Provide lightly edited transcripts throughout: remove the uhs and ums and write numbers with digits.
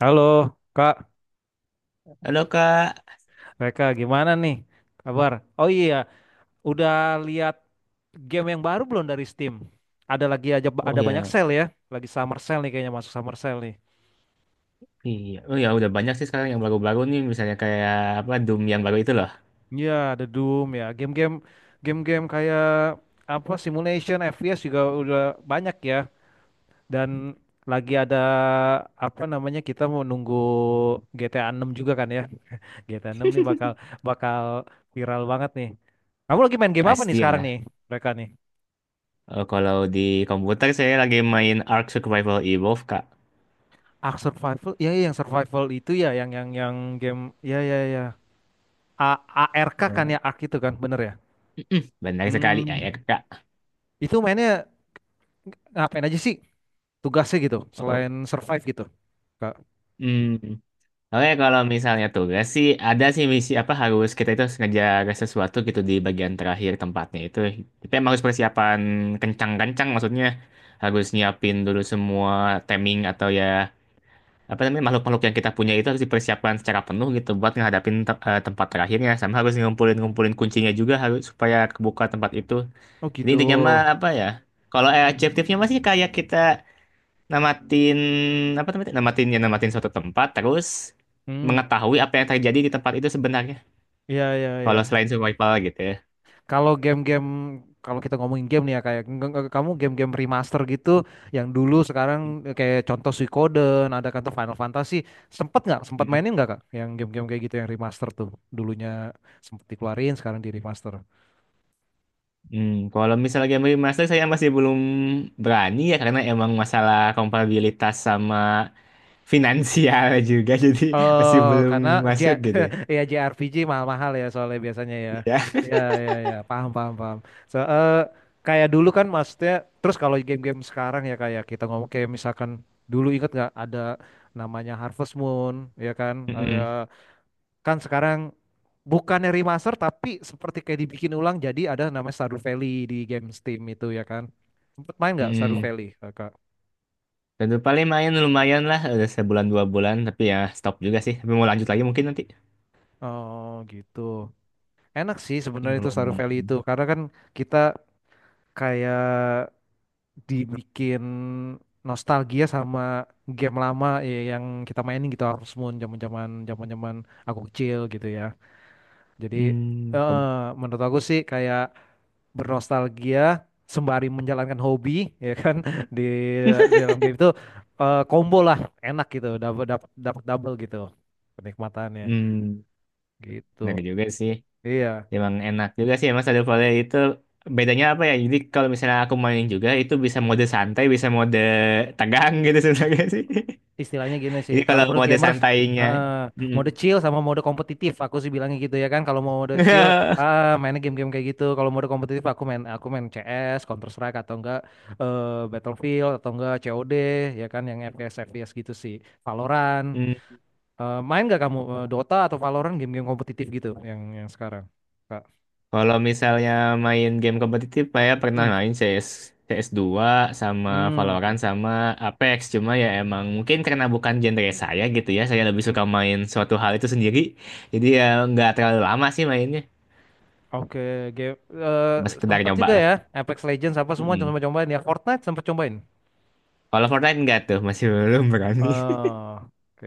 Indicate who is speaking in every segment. Speaker 1: Halo, Kak
Speaker 2: Halo Kak.
Speaker 1: Reka, gimana nih kabar? Oh iya, udah lihat game yang baru belum dari Steam? Ada lagi aja
Speaker 2: Oh
Speaker 1: ada banyak
Speaker 2: ya,
Speaker 1: sale ya, lagi summer sale nih kayaknya masuk summer sale nih.
Speaker 2: iya. Oh ya, udah banyak sih sekarang yang baru-baru nih, misalnya kayak Doom yang baru itu loh.
Speaker 1: Iya, ada Doom ya, game-game kayak apa simulation FPS juga udah banyak ya dan lagi ada apa namanya kita mau nunggu GTA 6 juga kan ya. GTA 6 nih bakal bakal viral banget nih. Kamu lagi main game apa nih
Speaker 2: Pasti
Speaker 1: sekarang nih,
Speaker 2: lah.
Speaker 1: mereka nih?
Speaker 2: Oh, kalau di komputer saya lagi main Ark Survival Evolved Kak.
Speaker 1: Ark Survival ya ya, yang survival itu ya yang game ya ya ya A ARK kan
Speaker 2: Ya,
Speaker 1: ya Ark itu kan bener ya.
Speaker 2: benar sekali ya, ya
Speaker 1: hmm
Speaker 2: Kak.
Speaker 1: itu mainnya ngapain aja sih tugasnya gitu
Speaker 2: Oh,
Speaker 1: selain survive gitu, Kak.
Speaker 2: hmm. Oke, kalau misalnya tugas sih ada sih misi apa harus kita itu harus ngejar sesuatu gitu di bagian terakhir tempatnya itu. Tapi emang harus persiapan kencang-kencang, maksudnya harus nyiapin dulu semua timing atau ya apa namanya makhluk-makhluk yang kita punya itu harus dipersiapkan secara penuh gitu buat ngadapin tempat terakhirnya, sama harus ngumpulin-ngumpulin kuncinya juga harus supaya kebuka tempat itu.
Speaker 1: Oh
Speaker 2: Jadi
Speaker 1: gitu.
Speaker 2: intinya mah apa ya? Kalau objektifnya masih kayak kita namatin apa namanya? Namatin, ya namatin suatu tempat terus
Speaker 1: Hmm,
Speaker 2: mengetahui apa yang terjadi di tempat itu sebenarnya.
Speaker 1: ya ya
Speaker 2: Kalau
Speaker 1: ya.
Speaker 2: selain survival gitu ya.
Speaker 1: Kalau game-game Kalau kita ngomongin game nih ya kayak kamu game-game remaster gitu yang dulu sekarang, kayak contoh Suikoden ada kata Final Fantasy, sempet nggak sempat
Speaker 2: Hmm.
Speaker 1: mainin nggak kak yang game-game kayak gitu yang remaster tuh dulunya sempet dikeluarin sekarang di remaster.
Speaker 2: Hmm, kalau misalnya game remaster saya masih belum berani ya, karena emang masalah kompatibilitas sama finansial juga, jadi masih
Speaker 1: Oh,
Speaker 2: belum
Speaker 1: karena J
Speaker 2: masuk gitu
Speaker 1: ya JRPG mahal-mahal ya soalnya biasanya ya.
Speaker 2: ya.
Speaker 1: Ya ya ya, paham paham paham. So, kayak dulu kan maksudnya terus kalau game-game sekarang ya kayak kita ngomong kayak misalkan dulu ingat nggak ada namanya Harvest Moon ya kan? Ada
Speaker 2: Mm-mm,
Speaker 1: kan sekarang bukannya remaster tapi seperti kayak dibikin ulang jadi ada namanya Stardew Valley di game Steam itu ya kan? Sempet main nggak Stardew
Speaker 2: mm-mm.
Speaker 1: Valley, Kakak?
Speaker 2: Dan tuh paling main lumayan lah udah sebulan dua bulan tapi ya stop juga sih, tapi mau lanjut lagi mungkin nanti
Speaker 1: Oh gitu. Enak sih sebenarnya itu
Speaker 2: belum.
Speaker 1: Stardew Valley itu karena kan kita kayak dibikin nostalgia sama game lama ya, yang kita mainin gitu harus Moon zaman-zaman aku kecil gitu ya. Jadi,
Speaker 2: Hmm,
Speaker 1: eh,
Speaker 2: pem,
Speaker 1: menurut aku sih kayak bernostalgia sembari menjalankan hobi ya kan, di, di dalam game itu, combo lah, enak gitu dapat dapat double gitu kenikmatannya
Speaker 2: hmm,
Speaker 1: gitu.
Speaker 2: benar juga sih,
Speaker 1: Iya.
Speaker 2: emang enak juga sih emang Stardew Valley itu. Bedanya apa ya, jadi kalau misalnya aku main juga itu bisa mode santai bisa mode tegang gitu sebenarnya sih.
Speaker 1: Istilahnya gini sih,
Speaker 2: Ini
Speaker 1: kalau
Speaker 2: kalau
Speaker 1: menurut
Speaker 2: mode
Speaker 1: gamers,
Speaker 2: santainya
Speaker 1: eh, mode chill sama mode kompetitif, aku sih bilangnya gitu ya kan. Kalau mau mode chill, ah, mainnya game-game kayak gitu. Kalau mode kompetitif, aku main CS, Counter Strike atau enggak, eh, Battlefield atau enggak COD ya kan, yang FPS FPS gitu sih. Valorant,
Speaker 2: mm.
Speaker 1: main nggak kamu, Dota atau Valorant, game-game kompetitif gitu yang sekarang? Kak.
Speaker 2: Kalau misalnya main game kompetitif, saya pernah
Speaker 1: Hmm,
Speaker 2: main CS, CS2 sama
Speaker 1: hmm, oke.
Speaker 2: Valorant sama Apex. Cuma ya emang mungkin karena bukan genre saya gitu ya, saya lebih suka
Speaker 1: Hmm,
Speaker 2: main suatu hal itu sendiri. Jadi ya nggak terlalu lama sih mainnya,
Speaker 1: oke, game eh,
Speaker 2: cuma sekedar
Speaker 1: sempet
Speaker 2: nyoba
Speaker 1: juga
Speaker 2: lah.
Speaker 1: ya Apex Legends apa semua
Speaker 2: Mm-mm.
Speaker 1: coba cobain ya Fortnite sempat cobain.
Speaker 2: Kalau Fortnite nggak tuh, masih belum berani.
Speaker 1: Oh, oke.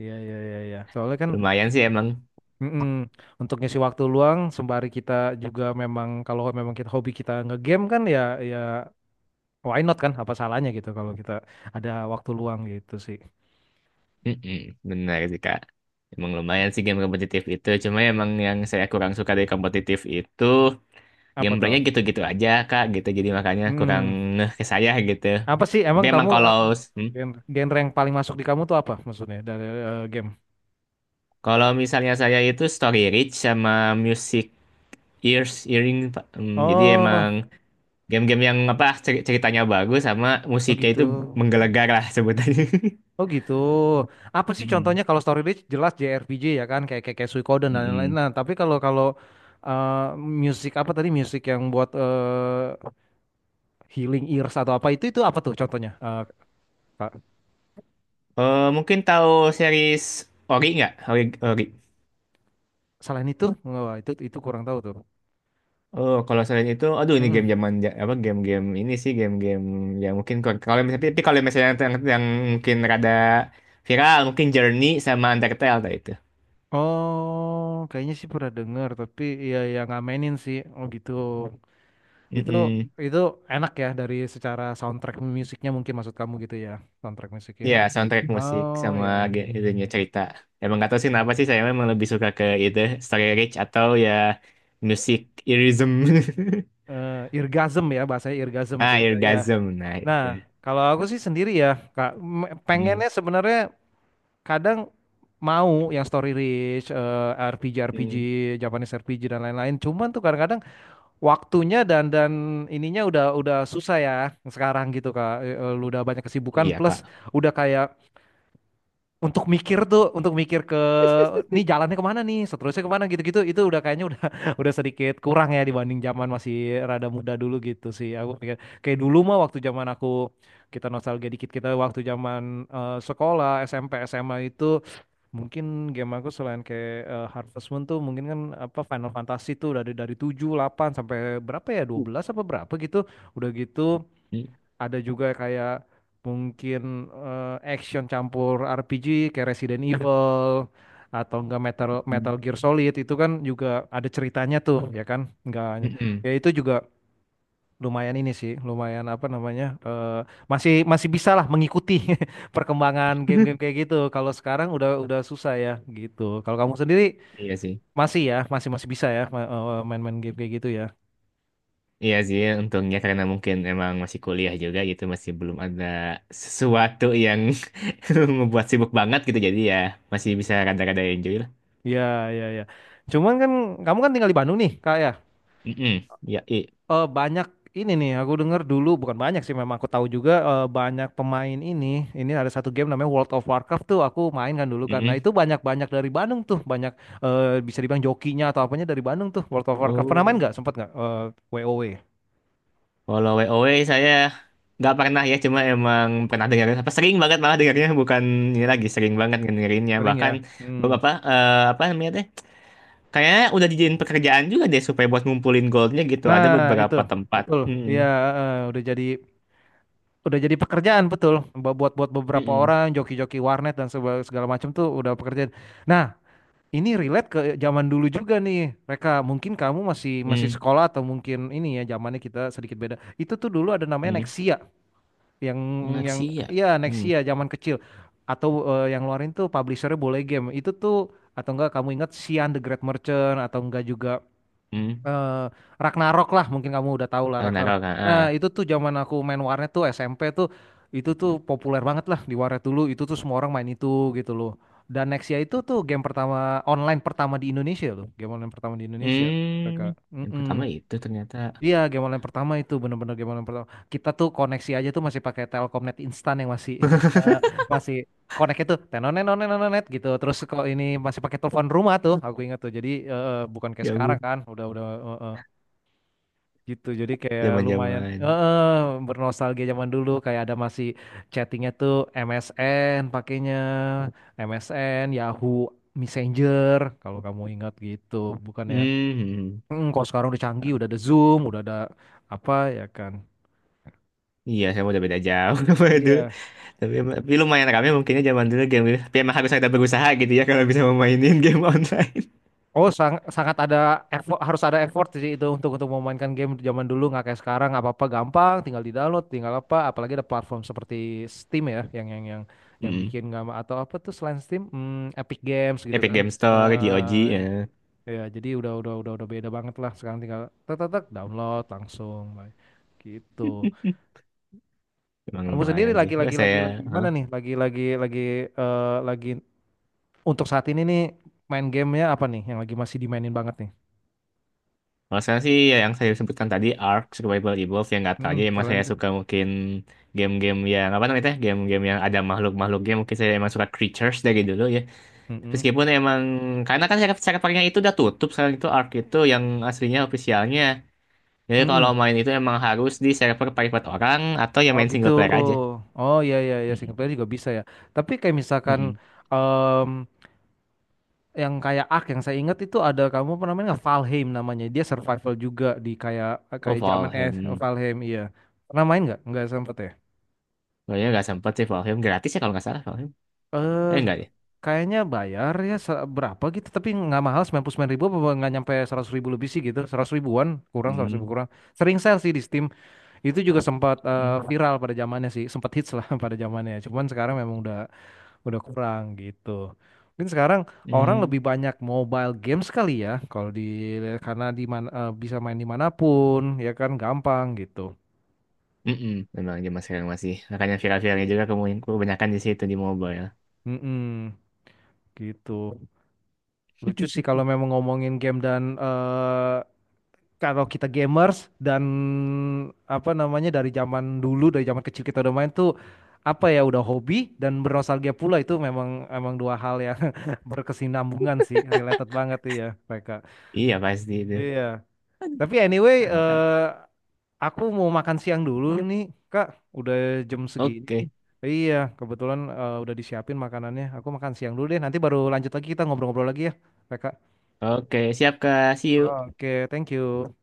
Speaker 1: Iya, iya, iya, iya. Soalnya kan,
Speaker 2: Lumayan sih emang.
Speaker 1: mm-mm, untuk ngisi waktu luang sembari kita juga memang kalau memang kita hobi kita ngegame kan ya, ya why not kan? Apa salahnya gitu kalau kita ada waktu luang gitu sih.
Speaker 2: Mm-mm. Benar sih Kak. Emang lumayan sih game kompetitif itu. Cuma emang yang saya kurang suka dari kompetitif itu
Speaker 1: Apa tuh?
Speaker 2: gameplaynya gitu-gitu aja kak gitu, jadi makanya kurang
Speaker 1: Mm,
Speaker 2: ngeh ke saya gitu.
Speaker 1: Apa sih
Speaker 2: Tapi
Speaker 1: emang kamu,
Speaker 2: emang kalau hmm,
Speaker 1: genre yang paling masuk di kamu tuh apa maksudnya dari, game?
Speaker 2: kalau misalnya saya itu story rich sama music ears earring Pak. Hmm, jadi emang
Speaker 1: Oh,
Speaker 2: game-game yang apa ceritanya bagus sama
Speaker 1: oh
Speaker 2: musiknya
Speaker 1: gitu.
Speaker 2: itu menggelegar lah sebutannya.
Speaker 1: Oh gitu. Apa sih
Speaker 2: Mm-mm.
Speaker 1: contohnya kalau story rich jelas JRPG ya kan kayak, kayak Suikoden dan lain-lain.
Speaker 2: Mm-mm.
Speaker 1: Nah, tapi kalau kalau eh musik apa tadi, musik yang buat healing ears atau apa itu apa tuh contohnya? Kak,
Speaker 2: Mungkin tahu series Ori nggak? Ori, Ori.
Speaker 1: selain itu, wah, itu kurang tahu tuh.
Speaker 2: Oh, kalau selain itu, aduh, ini game
Speaker 1: Mm-mm.
Speaker 2: zaman ja- apa game-game ini sih, game-game yang mungkin kalau kalau misalnya, tapi kalau misalnya yang mungkin rada viral, mungkin Journey sama Undertale tadi itu.
Speaker 1: Oh, kayaknya sih pernah dengar tapi ya nggak mainin sih. Oh gitu. Itu
Speaker 2: Mm.
Speaker 1: itu enak ya dari secara soundtrack musiknya mungkin maksud kamu gitu ya, soundtrack musiknya.
Speaker 2: Ya, soundtrack musik
Speaker 1: Oh,
Speaker 2: sama
Speaker 1: ya
Speaker 2: itunya cerita. Emang nggak tahu sih kenapa sih saya memang lebih suka ke itu, story rich atau ya musik irism.
Speaker 1: irgasm ya, bahasanya irgasm itu,
Speaker 2: Ah,
Speaker 1: itu ya.
Speaker 2: orgasm. Nah,
Speaker 1: Nah,
Speaker 2: itu.
Speaker 1: kalau aku sih sendiri ya, Kak,
Speaker 2: Hmm.
Speaker 1: pengennya sebenarnya kadang mau yang story rich, RPG RPG,
Speaker 2: Mm.
Speaker 1: Japanese RPG dan lain-lain. Cuman tuh kadang-kadang waktunya dan ininya udah susah ya sekarang gitu, Kak. Lu udah banyak kesibukan
Speaker 2: Iya,
Speaker 1: plus
Speaker 2: Kak.
Speaker 1: udah kayak untuk mikir tuh, untuk mikir ke nih jalannya kemana nih seterusnya kemana gitu-gitu itu udah kayaknya udah udah sedikit kurang ya dibanding zaman masih rada muda dulu gitu sih, aku pikir kayak dulu mah waktu zaman aku kita nostalgia dikit kita waktu zaman, sekolah SMP SMA itu mungkin game aku selain kayak, Harvest Moon tuh mungkin kan apa Final Fantasy tuh dari 7, 8 sampai berapa ya, 12 apa berapa gitu udah gitu
Speaker 2: Mm.
Speaker 1: ada juga kayak mungkin, action campur RPG kayak Resident Evil atau enggak Metal
Speaker 2: Mm.
Speaker 1: Metal Gear Solid itu kan juga ada ceritanya tuh ya kan enggak
Speaker 2: Mm-mm.
Speaker 1: ya itu juga lumayan ini sih lumayan apa namanya, masih masih bisa lah mengikuti perkembangan game-game kayak gitu kalau sekarang udah susah ya gitu kalau kamu sendiri
Speaker 2: Iya sih.
Speaker 1: masih ya masih masih bisa ya, main-main game kayak gitu ya
Speaker 2: Iya sih, untungnya karena mungkin emang masih kuliah juga gitu, masih belum ada sesuatu yang membuat sibuk banget gitu. Jadi ya masih bisa rada-rada enjoy lah.
Speaker 1: ya ya ya cuman kan kamu kan tinggal di Bandung nih kak ya,
Speaker 2: Mm-mm. Ya, i.
Speaker 1: banyak ini nih aku denger dulu bukan banyak sih memang aku tahu juga, banyak pemain ini ada satu game namanya World of Warcraft tuh aku main kan dulu karena
Speaker 2: Mm-mm.
Speaker 1: itu banyak-banyak dari Bandung tuh banyak, bisa dibilang jokinya atau apanya dari Bandung tuh World of Warcraft pernah main
Speaker 2: Oh,
Speaker 1: nggak sempat nggak, WoW
Speaker 2: kalau WoW saya nggak pernah ya, cuma emang pernah dengar, apa sering banget malah dengarnya, bukan ini lagi sering banget dengerinnya.
Speaker 1: sering ya.
Speaker 2: Bahkan
Speaker 1: Hmm.
Speaker 2: beberapa apa namanya teh? Kayaknya udah dijadiin pekerjaan juga deh supaya buat ngumpulin goldnya gitu.
Speaker 1: Nah
Speaker 2: Ada
Speaker 1: itu
Speaker 2: beberapa tempat.
Speaker 1: betul ya,
Speaker 2: Mm-mm.
Speaker 1: eh, udah jadi udah jadi pekerjaan betul buat buat buat beberapa
Speaker 2: Mm-mm.
Speaker 1: orang joki-joki warnet dan segala macam tuh udah pekerjaan. Nah ini relate ke zaman dulu juga nih, Reka. Mungkin kamu masih masih
Speaker 2: Mm-mm.
Speaker 1: sekolah atau mungkin ini ya zamannya kita sedikit beda. Itu tuh dulu ada namanya
Speaker 2: Mm.
Speaker 1: Nexia, yang yang
Speaker 2: Naksir ya.
Speaker 1: iya
Speaker 2: Hmm.
Speaker 1: Nexia zaman kecil atau, yang luarin tuh publishernya Boleh Game. Itu tuh atau enggak kamu ingat Xian the Great Merchant atau enggak juga,
Speaker 2: Hmm.
Speaker 1: eh, Ragnarok lah mungkin kamu udah tahu lah
Speaker 2: Oh,
Speaker 1: Ragnarok.
Speaker 2: Narok, ah.
Speaker 1: Nah
Speaker 2: Ah.
Speaker 1: itu tuh zaman aku main warnet tuh SMP tuh itu tuh populer banget lah di warnet dulu itu tuh semua orang main itu gitu loh. Dan Nexia itu tuh game pertama online pertama di Indonesia loh, game online pertama di Indonesia mereka.
Speaker 2: Hmm. Yang pertama
Speaker 1: Mm-mm.
Speaker 2: itu ternyata.
Speaker 1: Iya game online pertama itu bener-bener game online pertama. Kita tuh koneksi aja tuh masih pakai Telkomnet instan yang masih eh, masih connect itu tenonet tenonet gitu terus kok ini masih pakai telepon rumah tuh aku ingat tuh jadi, bukan kayak
Speaker 2: Ya
Speaker 1: sekarang
Speaker 2: ampun.
Speaker 1: kan udah eh, eh gitu jadi kayak lumayan
Speaker 2: Zaman-zaman.
Speaker 1: bernostalgia zaman dulu kayak ada masih chattingnya tuh MSN pakainya MSN Yahoo Messenger kalau kamu ingat gitu bukan ya.
Speaker 2: Hmm.
Speaker 1: Kalau sekarang udah canggih udah ada Zoom udah ada apa ya kan.
Speaker 2: Iya, saya udah beda jauh sama itu.
Speaker 1: Iya.
Speaker 2: Tapi lumayan kami mungkinnya zaman dulu game gitu. Tapi emang harus ada berusaha gitu ya kalau bisa memainin game online.
Speaker 1: Oh, sangat ada effort, harus ada effort sih itu untuk memainkan game zaman dulu nggak kayak sekarang apa-apa gampang, tinggal di-download, tinggal apa, apalagi ada platform seperti Steam ya yang
Speaker 2: Hmm.
Speaker 1: bikin nggak atau apa tuh selain Steam, Epic Games gitu
Speaker 2: Epic
Speaker 1: kan.
Speaker 2: Game Store, GOG, ya.
Speaker 1: Ya jadi udah beda banget lah sekarang tinggal tek tek tek, download langsung Bay. Gitu.
Speaker 2: Emang
Speaker 1: Kamu sendiri
Speaker 2: lumayan sih.
Speaker 1: lagi lagi
Speaker 2: Terus
Speaker 1: lagi
Speaker 2: saya
Speaker 1: lagi gimana nih? Lagi untuk saat ini nih main gamenya apa nih yang lagi masih dimainin banget nih?
Speaker 2: kalau saya sih ya yang saya sebutkan tadi Ark, Survival Evolved, yang nggak tahu aja
Speaker 1: Hmm,
Speaker 2: emang
Speaker 1: selain
Speaker 2: saya
Speaker 1: itu.
Speaker 2: suka, mungkin game-game yang apa namanya teh? Game-game yang ada makhluk-makhluknya, mungkin saya emang suka creatures dari dulu ya. Tapi
Speaker 1: Mm-mm.
Speaker 2: meskipun emang karena kan saya pakainya itu udah tutup sekarang, itu Ark itu yang aslinya ofisialnya. Jadi kalau
Speaker 1: Mm-mm.
Speaker 2: main itu emang harus di server private orang atau ya
Speaker 1: Oh
Speaker 2: main
Speaker 1: gitu.
Speaker 2: single player aja.
Speaker 1: Oh ya ya ya single
Speaker 2: Mm-mm.
Speaker 1: player juga bisa ya. Tapi kayak misalkan,
Speaker 2: Mm-mm.
Speaker 1: em, yang kayak Ark yang saya ingat itu ada kamu apa namanya nggak? Valheim namanya. Dia survival juga di kayak
Speaker 2: Oh
Speaker 1: kayak zaman es.
Speaker 2: Valheim,
Speaker 1: Valheim iya. Pernah main nggak? Nggak sempet ya.
Speaker 2: kayaknya nggak sempet sih. Valheim gratis ya kalau nggak salah Valheim.
Speaker 1: Eh
Speaker 2: Eh nggak ya?
Speaker 1: kayaknya bayar ya berapa gitu tapi nggak mahal 99.000 apa nggak nyampe 100.000 lebih sih gitu 100.000-an kurang 100.000
Speaker 2: Hmm.
Speaker 1: kurang sering sale sih di Steam itu juga sempat,
Speaker 2: Hmm.
Speaker 1: viral pada zamannya sih sempat hits lah pada zamannya cuman sekarang memang udah kurang gitu. Mungkin sekarang orang lebih
Speaker 2: Hmm.
Speaker 1: banyak mobile games kali ya, kalau di karena di mana, bisa main dimanapun, ya kan gampang gitu.
Speaker 2: Mm-mm, memang zaman sekarang masih. Makanya viral-viralnya juga kemungkinan kebanyakan di situ di mobile.
Speaker 1: Mm-mm, gitu. Lucu sih kalau memang ngomongin game dan, kalau kita gamers dan apa namanya dari zaman dulu, dari zaman kecil kita udah main tuh apa ya udah hobi dan bernostalgia pula itu memang emang dua hal yang berkesinambungan sih, related banget iya, mereka.
Speaker 2: Iya pasti itu.
Speaker 1: Iya. Tapi anyway,
Speaker 2: Mantap.
Speaker 1: aku mau makan siang dulu nih, Kak. Udah jam segini nih.
Speaker 2: Oke.
Speaker 1: Iya, kebetulan, udah disiapin makanannya. Aku makan siang dulu deh. Nanti baru lanjut lagi kita ngobrol-ngobrol lagi ya, Kak.
Speaker 2: Oke, siap Kak. See you.
Speaker 1: Oke, thank you.